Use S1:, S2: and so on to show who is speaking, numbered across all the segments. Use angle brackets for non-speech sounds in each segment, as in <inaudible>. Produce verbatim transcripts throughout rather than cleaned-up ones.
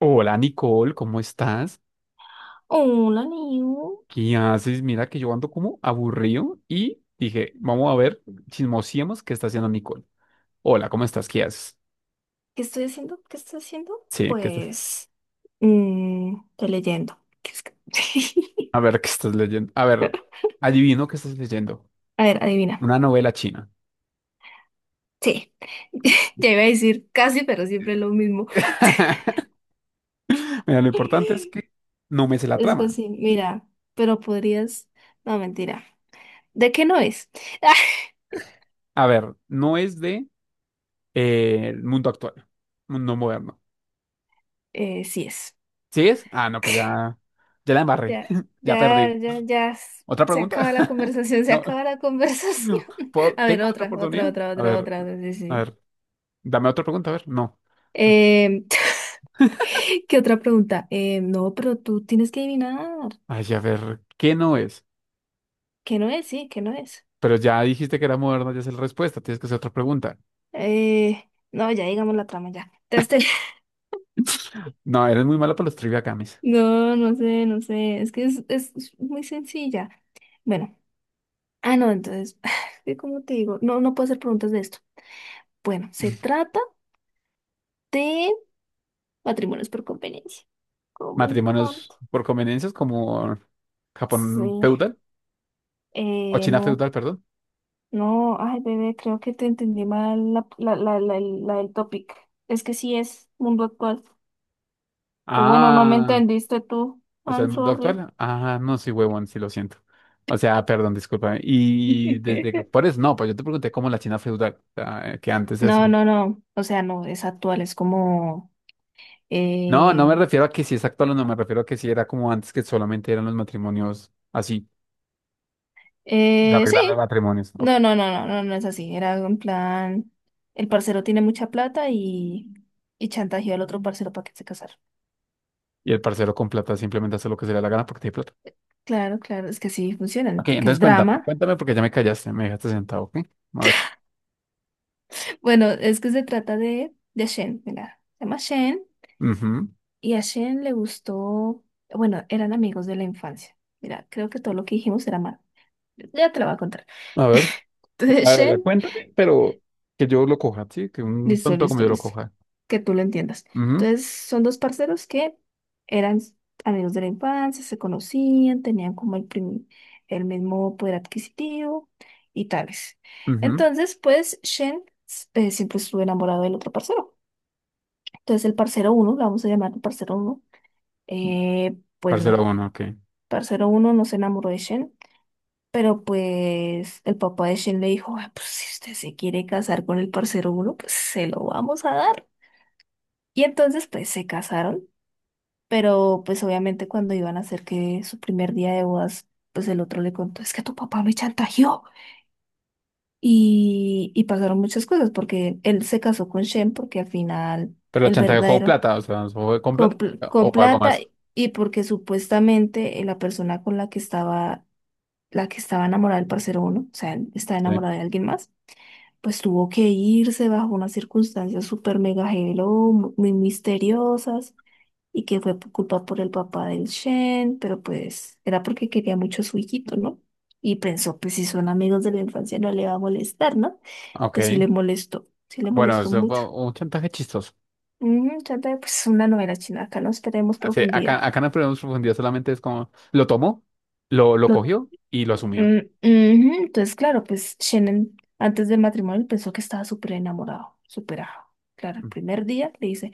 S1: Hola Nicole, ¿cómo estás?
S2: Hola, Niu.
S1: ¿Qué haces? Mira que yo ando como aburrido y dije, vamos a ver, chismosiemos qué está haciendo Nicole. Hola, ¿cómo estás? ¿Qué haces?
S2: ¿Qué estoy haciendo? ¿Qué estoy haciendo?
S1: Sí, ¿qué estás?
S2: Pues, mm, estoy leyendo. <laughs>
S1: A ver, ¿qué estás leyendo? A ver, adivino qué estás leyendo.
S2: A ver, adivina.
S1: Una novela china.
S2: Sí, <laughs> ya iba a decir casi, pero siempre lo mismo.
S1: <laughs> Mira, lo importante es
S2: <laughs>
S1: que no me sé la
S2: Es
S1: trama.
S2: casi, mira, pero podrías... No, mentira. ¿De qué no es? <laughs>
S1: A ver, no es de eh, el mundo actual, mundo moderno.
S2: Eh, sí es.
S1: ¿Sí es? Ah, no, pues
S2: <laughs>
S1: ya, ya la embarré,
S2: Ya,
S1: <laughs> ya
S2: ya,
S1: perdí.
S2: ya, ya.
S1: ¿Otra
S2: Se
S1: pregunta?
S2: acaba la
S1: <laughs>
S2: conversación, se
S1: No.
S2: acaba la conversación. <laughs>
S1: ¿Puedo-
S2: A ver,
S1: ¿Tengo otra
S2: otra, otra,
S1: oportunidad?
S2: otra,
S1: A
S2: otra,
S1: ver,
S2: otra. Sí,
S1: a
S2: sí.
S1: ver, dame otra pregunta, a ver, no.
S2: Eh, <laughs> ¿Qué otra pregunta? Eh, no, pero tú tienes que adivinar.
S1: Ay, a ver, ¿qué no es?
S2: ¿Qué no es? Sí, ¿qué no es?
S1: Pero ya dijiste que era moderno, ya es la respuesta, tienes que hacer otra pregunta.
S2: Eh, no, ya digamos la trama ya. Este- <laughs>
S1: No, eres muy malo para los trivia games.
S2: No, no sé, no sé. Es que es, es es muy sencilla. Bueno, ah, no, entonces, <laughs> <sighs> ¿qué ¿cómo te digo? No, no puedo hacer preguntas de esto. Bueno, se trata de matrimonios por conveniencia. Oh, me encanta.
S1: Matrimonios por conveniencias como Japón
S2: Sí.
S1: feudal o
S2: Eh,
S1: China
S2: no,
S1: feudal, perdón.
S2: no, ay, bebé, creo que te entendí mal la, la, la, la, la del topic. Es que sí es mundo actual. O bueno, no me
S1: Ah,
S2: entendiste tú.
S1: o sea,
S2: I'm
S1: el mundo
S2: sorry.
S1: actual. Ah, no, sí, huevón, sí lo siento. O sea, perdón, discúlpame. Y desde que
S2: <laughs>
S1: por eso, no, pues yo te pregunté cómo la China feudal, o sea, que antes se
S2: No,
S1: hacía.
S2: no, no. O sea, no, es actual, es como...
S1: No, no
S2: Eh,
S1: me refiero a que si es actual o no, me refiero a que si era como antes que solamente eran los matrimonios así, se
S2: eh, sí.
S1: arreglan los matrimonios, ok.
S2: No, no, no, no, no, no es así. Era algo en plan, el parcero tiene mucha plata y, y chantajeó al otro parcero para que se casara.
S1: Y el parcero con plata simplemente hace lo que se le da la gana porque tiene plata.
S2: Claro, claro, es que sí funcionan,
S1: Ok,
S2: porque
S1: entonces
S2: es
S1: cuéntame,
S2: drama.
S1: cuéntame porque ya me callaste, me dejaste sentado, ok. A ver,
S2: <laughs> Bueno, es que se trata de, de Shen, mira, se llama Shen
S1: ujú.
S2: y a Shen le gustó, bueno, eran amigos de la infancia. Mira, creo que todo lo que dijimos era mal. Ya te lo voy a contar.
S1: A ver, a
S2: Entonces, <laughs>
S1: ver, a ver,
S2: Shen,
S1: cuéntame, pero que yo lo coja, sí, que un
S2: listo,
S1: tonto como
S2: listo,
S1: yo lo
S2: listo.
S1: coja.
S2: Que tú lo entiendas.
S1: Ujú,
S2: Entonces, son dos parceros que eran amigos de la infancia, se conocían, tenían como el, prim- el mismo poder adquisitivo y tales.
S1: ujú.
S2: Entonces, pues, Shen eh, siempre estuvo enamorado del otro parcero. Entonces, el parcero uno, lo vamos a llamar el parcero uno, eh, pues
S1: Parcero
S2: no.
S1: uno, ok.
S2: Parcero uno no se enamoró de Shen. Pero pues el papá de Shen le dijo, "Ay, pues si usted se quiere casar con el parcero uno, pues se lo vamos a dar. Y entonces pues se casaron, pero pues obviamente cuando iban a hacer que su primer día de bodas, pues el otro le contó, es que tu papá me chantajeó. Y, y pasaron muchas cosas porque él se casó con Shen porque al final
S1: Pero lo
S2: el
S1: chantajeó con
S2: verdadero
S1: plata, o sea, ¿fue con plata
S2: con, pl-
S1: o
S2: con
S1: o algo
S2: plata
S1: más?
S2: y porque supuestamente eh, la persona con la que estaba, la que estaba enamorada del parcero uno, o sea, está
S1: Sí,
S2: enamorada de alguien más, pues tuvo que irse bajo unas circunstancias súper mega hello, mu- muy misteriosas, y que fue por culpa por el papá del Shen, pero pues era porque quería mucho a su hijito, ¿no? Y pensó, pues si son amigos de la infancia no le va a molestar, ¿no? Pues sí
S1: ok.
S2: le molestó, sí le
S1: Bueno,
S2: molestó
S1: eso
S2: mucho.
S1: fue un chantaje chistoso.
S2: Mm, trata de, pues una novela china, acá no esperemos
S1: Sí,
S2: profundidad.
S1: acá, acá no perdemos profundidad, solamente es como lo tomó, lo, lo
S2: Lo-
S1: cogió y lo asumió.
S2: mm, ujú. Entonces, claro, pues Shen antes del matrimonio pensó que estaba súper enamorado, superado. Claro, el
S1: Mm.
S2: primer día le dice,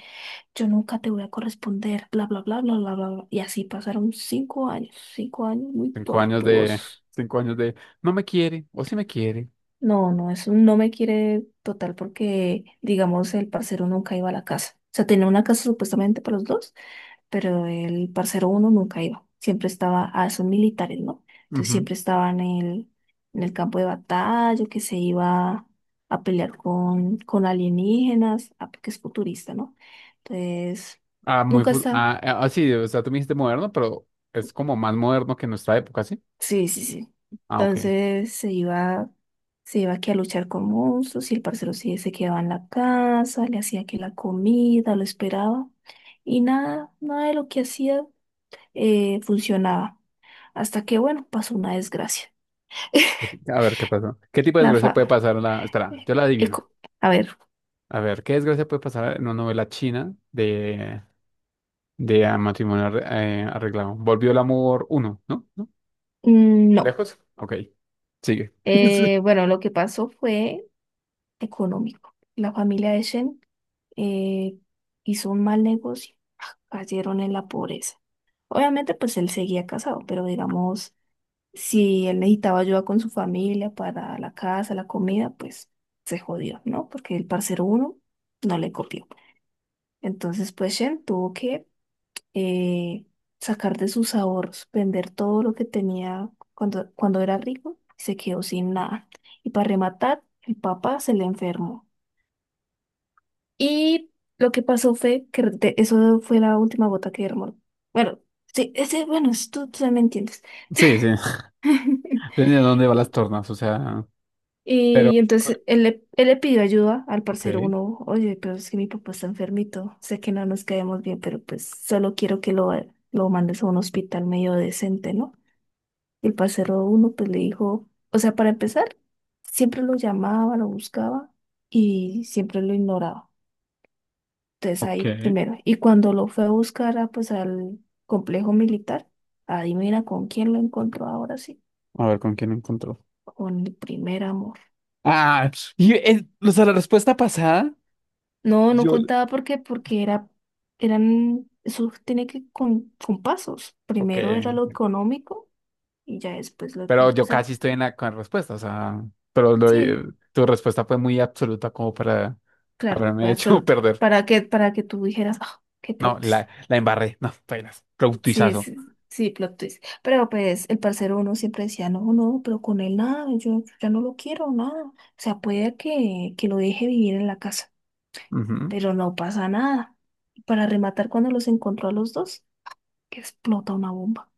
S2: yo nunca te voy a corresponder, bla, bla, bla, bla, bla, bla, bla. Y así pasaron cinco años, cinco años muy
S1: Cinco años de,
S2: tortuosos.
S1: <laughs> cinco años de no me quiere o sí me quiere.
S2: No, no, eso no me quiere total porque, digamos, el parcero nunca iba a la casa. O sea, tenía una casa supuestamente para los dos, pero el parcero uno nunca iba. Siempre estaba, ah, son militares, ¿no? Entonces
S1: Ujú.
S2: siempre estaba en el, en el, campo de batalla, o que se iba a pelear con, con alienígenas, ah, porque es futurista, ¿no? Entonces,
S1: Ah, muy,
S2: nunca
S1: fu-
S2: estaba.
S1: ah, ah, ah, sí, o sea, tú me dijiste moderno, pero es como más moderno que nuestra época, ¿sí?
S2: Sí, sí, sí.
S1: Ah, ok.
S2: Entonces se iba, se iba aquí a luchar con monstruos y el parcero sí se quedaba en la casa, le hacía que la comida, lo esperaba y nada, nada de lo que hacía eh, funcionaba. Hasta que, bueno, pasó una desgracia. <laughs>
S1: A ver, ¿qué pasó? ¿Qué tipo de
S2: La
S1: desgracia
S2: fa...
S1: puede pasar en la... Espera, yo la adivino.
S2: eco- A ver,
S1: A ver, ¿qué desgracia puede pasar en una novela china de, de ah, matrimonio arre- eh, arreglado? Volvió el amor uno, ¿no? ¿No?
S2: mm, no.
S1: ¿Lejos? Ok, sigue. <laughs>
S2: Eh, bueno, lo que pasó fue económico. La familia de Shen eh, hizo un mal negocio, cayeron en la pobreza. Obviamente, pues él seguía casado, pero digamos, si él necesitaba ayuda con su familia para la casa, la comida, pues se jodió, ¿no? Porque el parcero uno no le copió. Entonces, pues Shen tuvo que eh, sacar de sus ahorros, vender todo lo que tenía cuando, cuando era rico y se quedó sin nada. Y para rematar, el papá se le enfermó. Y lo que pasó fue que de- eso fue la última gota que derramó. Bueno, sí, ese, bueno, es- tú, tú me entiendes.
S1: Sí, sí.
S2: <laughs>
S1: Depende de dónde va las tornas, o sea, pero,
S2: Y entonces él le, él le pidió ayuda al
S1: ok,
S2: parcero uno, oye, pero es que mi papá está enfermito, sé que no nos caemos bien, pero pues solo quiero que lo, lo mandes a un hospital medio decente, ¿no? Y el parcero uno pues le dijo, o sea, para empezar, siempre lo llamaba, lo buscaba y siempre lo ignoraba. Entonces
S1: ok,
S2: ahí primero, y cuando lo fue a buscar a, pues al complejo militar, adivina con quién lo encontró ahora sí,
S1: a ver con quién encontró.
S2: con el primer amor.
S1: Ah, y eh, o sea, la respuesta pasada,
S2: No, no
S1: yo,
S2: contaba porque, porque, era, eran, eso tiene que con, con pasos.
S1: ok,
S2: Primero era lo
S1: ok.
S2: económico y ya después lo que,
S1: Pero
S2: o
S1: yo
S2: sea,
S1: casi estoy en la con la respuesta, o sea, pero lo- eh,
S2: sí,
S1: tu respuesta fue muy absoluta como para
S2: claro,
S1: haberme
S2: fue
S1: hecho <laughs>
S2: absoluta.
S1: perder.
S2: Para que, para que tú dijeras, ah, qué
S1: No,
S2: plot twist.
S1: la, la embarré, no, apenas,
S2: Sí,
S1: productizazo.
S2: sí, sí, plot twist. Pero pues el parcero uno siempre decía, no, no, pero con él nada, yo ya no lo quiero, nada. O sea, puede que, que lo deje vivir en la casa,
S1: Ujú.
S2: pero no pasa nada. Para rematar, cuando los encontró a los dos, que explota una bomba.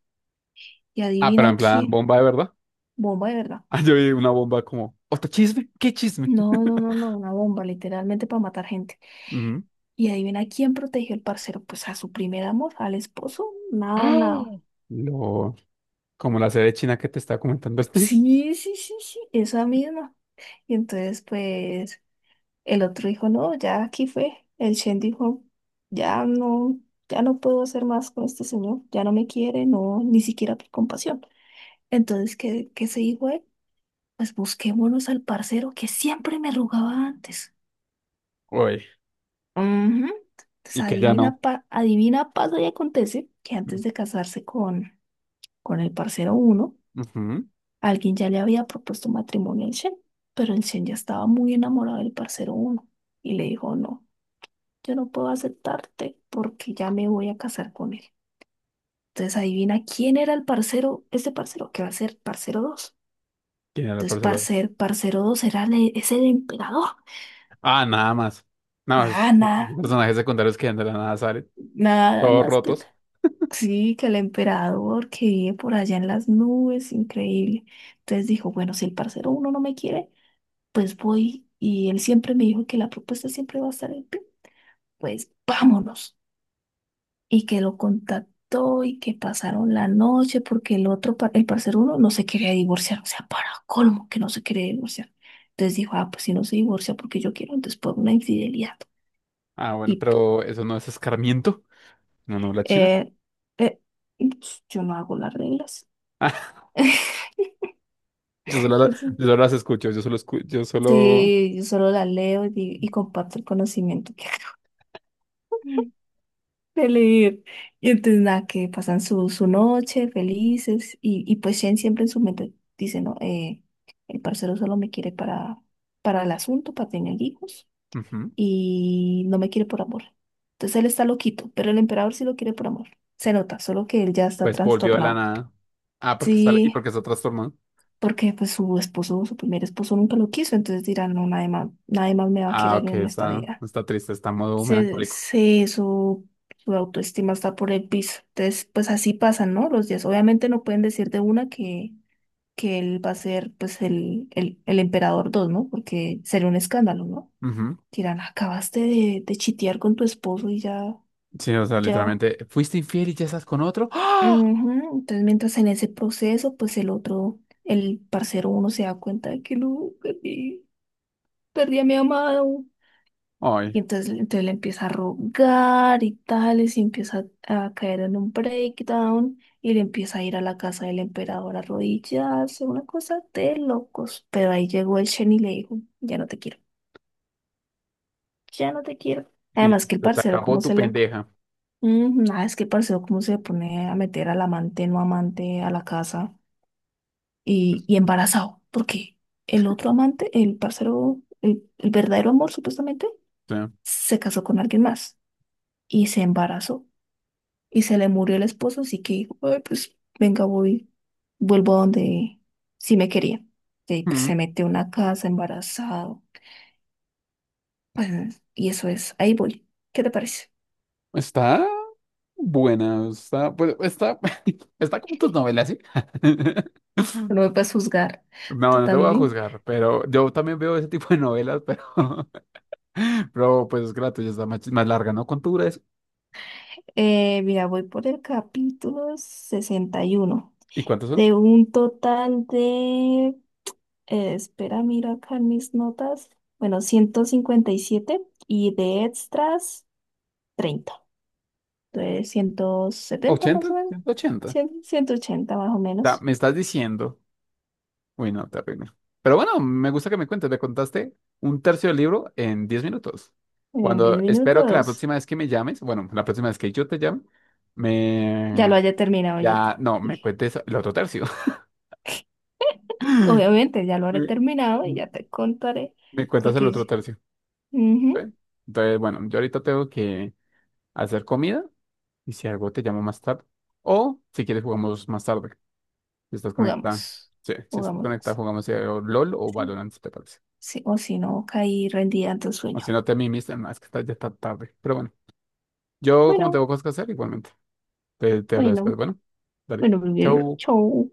S2: Y
S1: Ah, pero
S2: adivina
S1: en plan,
S2: quién.
S1: bomba de verdad. <laughs>
S2: Bomba de verdad.
S1: Ah, yo vi una bomba como, ¿otro chisme? ¿Qué chisme?
S2: No, no, no, no,
S1: <laughs>
S2: una bomba, literalmente para matar gente.
S1: Ujú.
S2: Y adivina quién protegió el parcero. Pues a su primer amor, al esposo.
S1: <gasps>
S2: Nada,
S1: ¡Ah!
S2: nada.
S1: Lo... Como la sede china que te estaba comentando. <laughs>
S2: Sí, sí, sí, sí, esa misma. Y entonces, pues, el otro dijo, no, ya aquí fue. El Shen dijo, ya no, ya no puedo hacer más con este señor. Ya no me quiere, no, ni siquiera por compasión. Entonces, ¿qué, qué se dijo él? Pues busquémonos al parcero que siempre me rogaba antes.
S1: Uy,
S2: Ujú. Entonces
S1: y que ya
S2: adivina,
S1: no.
S2: pa- adivina, pasa y acontece que antes de casarse con, con el parcero uno,
S1: Ujú.
S2: alguien ya le había propuesto matrimonio al Shen, pero el Shen ya estaba muy enamorado del parcero uno y le dijo, no, yo no puedo aceptarte porque ya me voy a casar con él. Entonces adivina quién era el parcero, ese parcero, que va a ser parcero dos.
S1: ¿Quién era el
S2: Entonces
S1: parcero dos?
S2: parcer, parcero dos era el, es el emperador.
S1: Ah, nada más. Nada más,
S2: Nada,
S1: esos
S2: nada,
S1: personajes secundarios que ya de la nada salen.
S2: nada
S1: Todos
S2: más que
S1: rotos.
S2: sí, que el emperador que vive por allá en las nubes, increíble. Entonces dijo, bueno, si el parcero uno no me quiere, pues voy. Y él siempre me dijo que la propuesta siempre va a estar en pie. Pues vámonos. Y que lo contactó y que pasaron la noche porque el otro, par- el parcero uno no se quería divorciar. O sea, para colmo que no se quería divorciar. Entonces dijo, ah, pues si no se divorcia porque yo quiero, entonces por una infidelidad.
S1: Ah, bueno,
S2: Y
S1: pero eso no es escarmiento. No, no, la china.
S2: eh, eh, yo no hago las reglas.
S1: <laughs> Yo solo, la- yo solo
S2: <laughs>
S1: las escucho. Yo solo escu- yo solo.
S2: Sí, yo solo la leo y, di- y comparto el conocimiento que <laughs> acabo de leer. Y entonces nada, que pasan su, su, noche felices y, y pues Shen siempre en su mente dice, no, eh, el parcero solo me quiere para, para el asunto, para tener hijos
S1: Ujú.
S2: y no me quiere por amor. Entonces él está loquito, pero el emperador sí lo quiere por amor. Se nota, solo que él ya está
S1: Pues volvió de la
S2: trastornado.
S1: nada. Ah, porque sale. Y
S2: Sí,
S1: porque está trastornado.
S2: porque pues su esposo, su primer esposo nunca lo quiso, entonces dirán, no, nadie más, nadie más me va a
S1: Ah,
S2: querer
S1: ok,
S2: en esta
S1: está,
S2: vida.
S1: está triste, está en modo
S2: se,
S1: melancólico.
S2: se- su, su autoestima está por el piso. Entonces, pues así pasan, ¿no? Los días. Obviamente no pueden decir de una que, que él va a ser pues el, el, el emperador dos, ¿no? Porque sería un escándalo, ¿no?
S1: Ujú.
S2: Dirán, acabaste de, de chitear con tu esposo y ya,
S1: Sí, o sea,
S2: ya.
S1: literalmente, ¿fuiste infiel y ya estás con otro? ¡Ah!
S2: Ujú. Entonces, mientras en ese proceso, pues el otro, el parcero uno se da cuenta de que no, perdí, perdí a mi amado.
S1: Ay,
S2: Y entonces, entonces le empieza a rogar y tales, y empieza a, a caer en un breakdown, y le empieza a ir a la casa del emperador a arrodillarse, una cosa de locos. Pero ahí llegó el Shen y le dijo, ya no te quiero, ya no te quiero.
S1: y
S2: Además
S1: ya,
S2: que el
S1: se te
S2: parcero,
S1: acabó
S2: ¿cómo
S1: tu
S2: se le...
S1: pendeja.
S2: Mm, nada, es que el parcero, ¿cómo se le pone a meter al amante, no amante, a la casa y,
S1: Pues,
S2: y embarazado? Porque el otro amante, el parcero, el el verdadero amor supuestamente,
S1: o sea,
S2: se casó con alguien más y se embarazó. Y se le murió el esposo, así que dijo, "Ay, pues venga, voy, vuelvo a donde sí me quería. Y pues
S1: mm,
S2: se metió en una casa embarazado. Pues, y eso es, ahí voy. ¿Qué te parece?
S1: está buena, está, pues, está, <laughs> está como tus novelas, ¿sí? <laughs>
S2: No me puedes juzgar,
S1: No,
S2: tú
S1: no te voy a
S2: también.
S1: juzgar, pero yo también veo ese tipo de novelas, pero, <laughs> pero pues es gratis, ya está más, más larga, ¿no? ¿Cuánto dura eso?
S2: Eh, mira, voy por el capítulo sesenta y uno
S1: ¿Y cuántos son?
S2: de un total de, eh, espera, miro acá en mis notas, bueno, ciento cincuenta y siete y de extras treinta, de ciento setenta
S1: Ochenta,
S2: más o menos,
S1: ciento ochenta, o
S2: cien, ciento ochenta más o
S1: sea,
S2: menos.
S1: me estás diciendo. Uy, no, terrible. Pero bueno, me gusta que me cuentes. Me contaste un tercio del libro en diez minutos.
S2: En diez
S1: Cuando espero que la
S2: minutos,
S1: próxima vez que me llames, bueno, la próxima vez que yo te llame,
S2: ya lo
S1: me...
S2: haya terminado. Yo te-
S1: Ya, no, me cuentes el otro tercio.
S2: obviamente ya
S1: <laughs>
S2: lo haré
S1: Me,
S2: terminado y ya te contaré,
S1: me cuentas el otro
S2: porque
S1: tercio.
S2: ujú,
S1: ¿Vale? Entonces, bueno, yo ahorita tengo que hacer comida y si algo te llamo más tarde. O si quieres jugamos más tarde. Si estás conectada.
S2: jugamos,
S1: Sí, si estás conectada
S2: jugamos.
S1: jugamos eh, o L O L o
S2: Sí,
S1: Valorant, si te parece.
S2: sí, o si no, caí rendida ante el
S1: O si
S2: sueño.
S1: no te mimiste, no, es que está- ya está tarde. Pero bueno, yo como
S2: Bueno,
S1: tengo cosas que hacer, igualmente. Te, te hablo
S2: bueno,
S1: después. Bueno, dale.
S2: bueno, mi bebé,
S1: Chau.
S2: chau.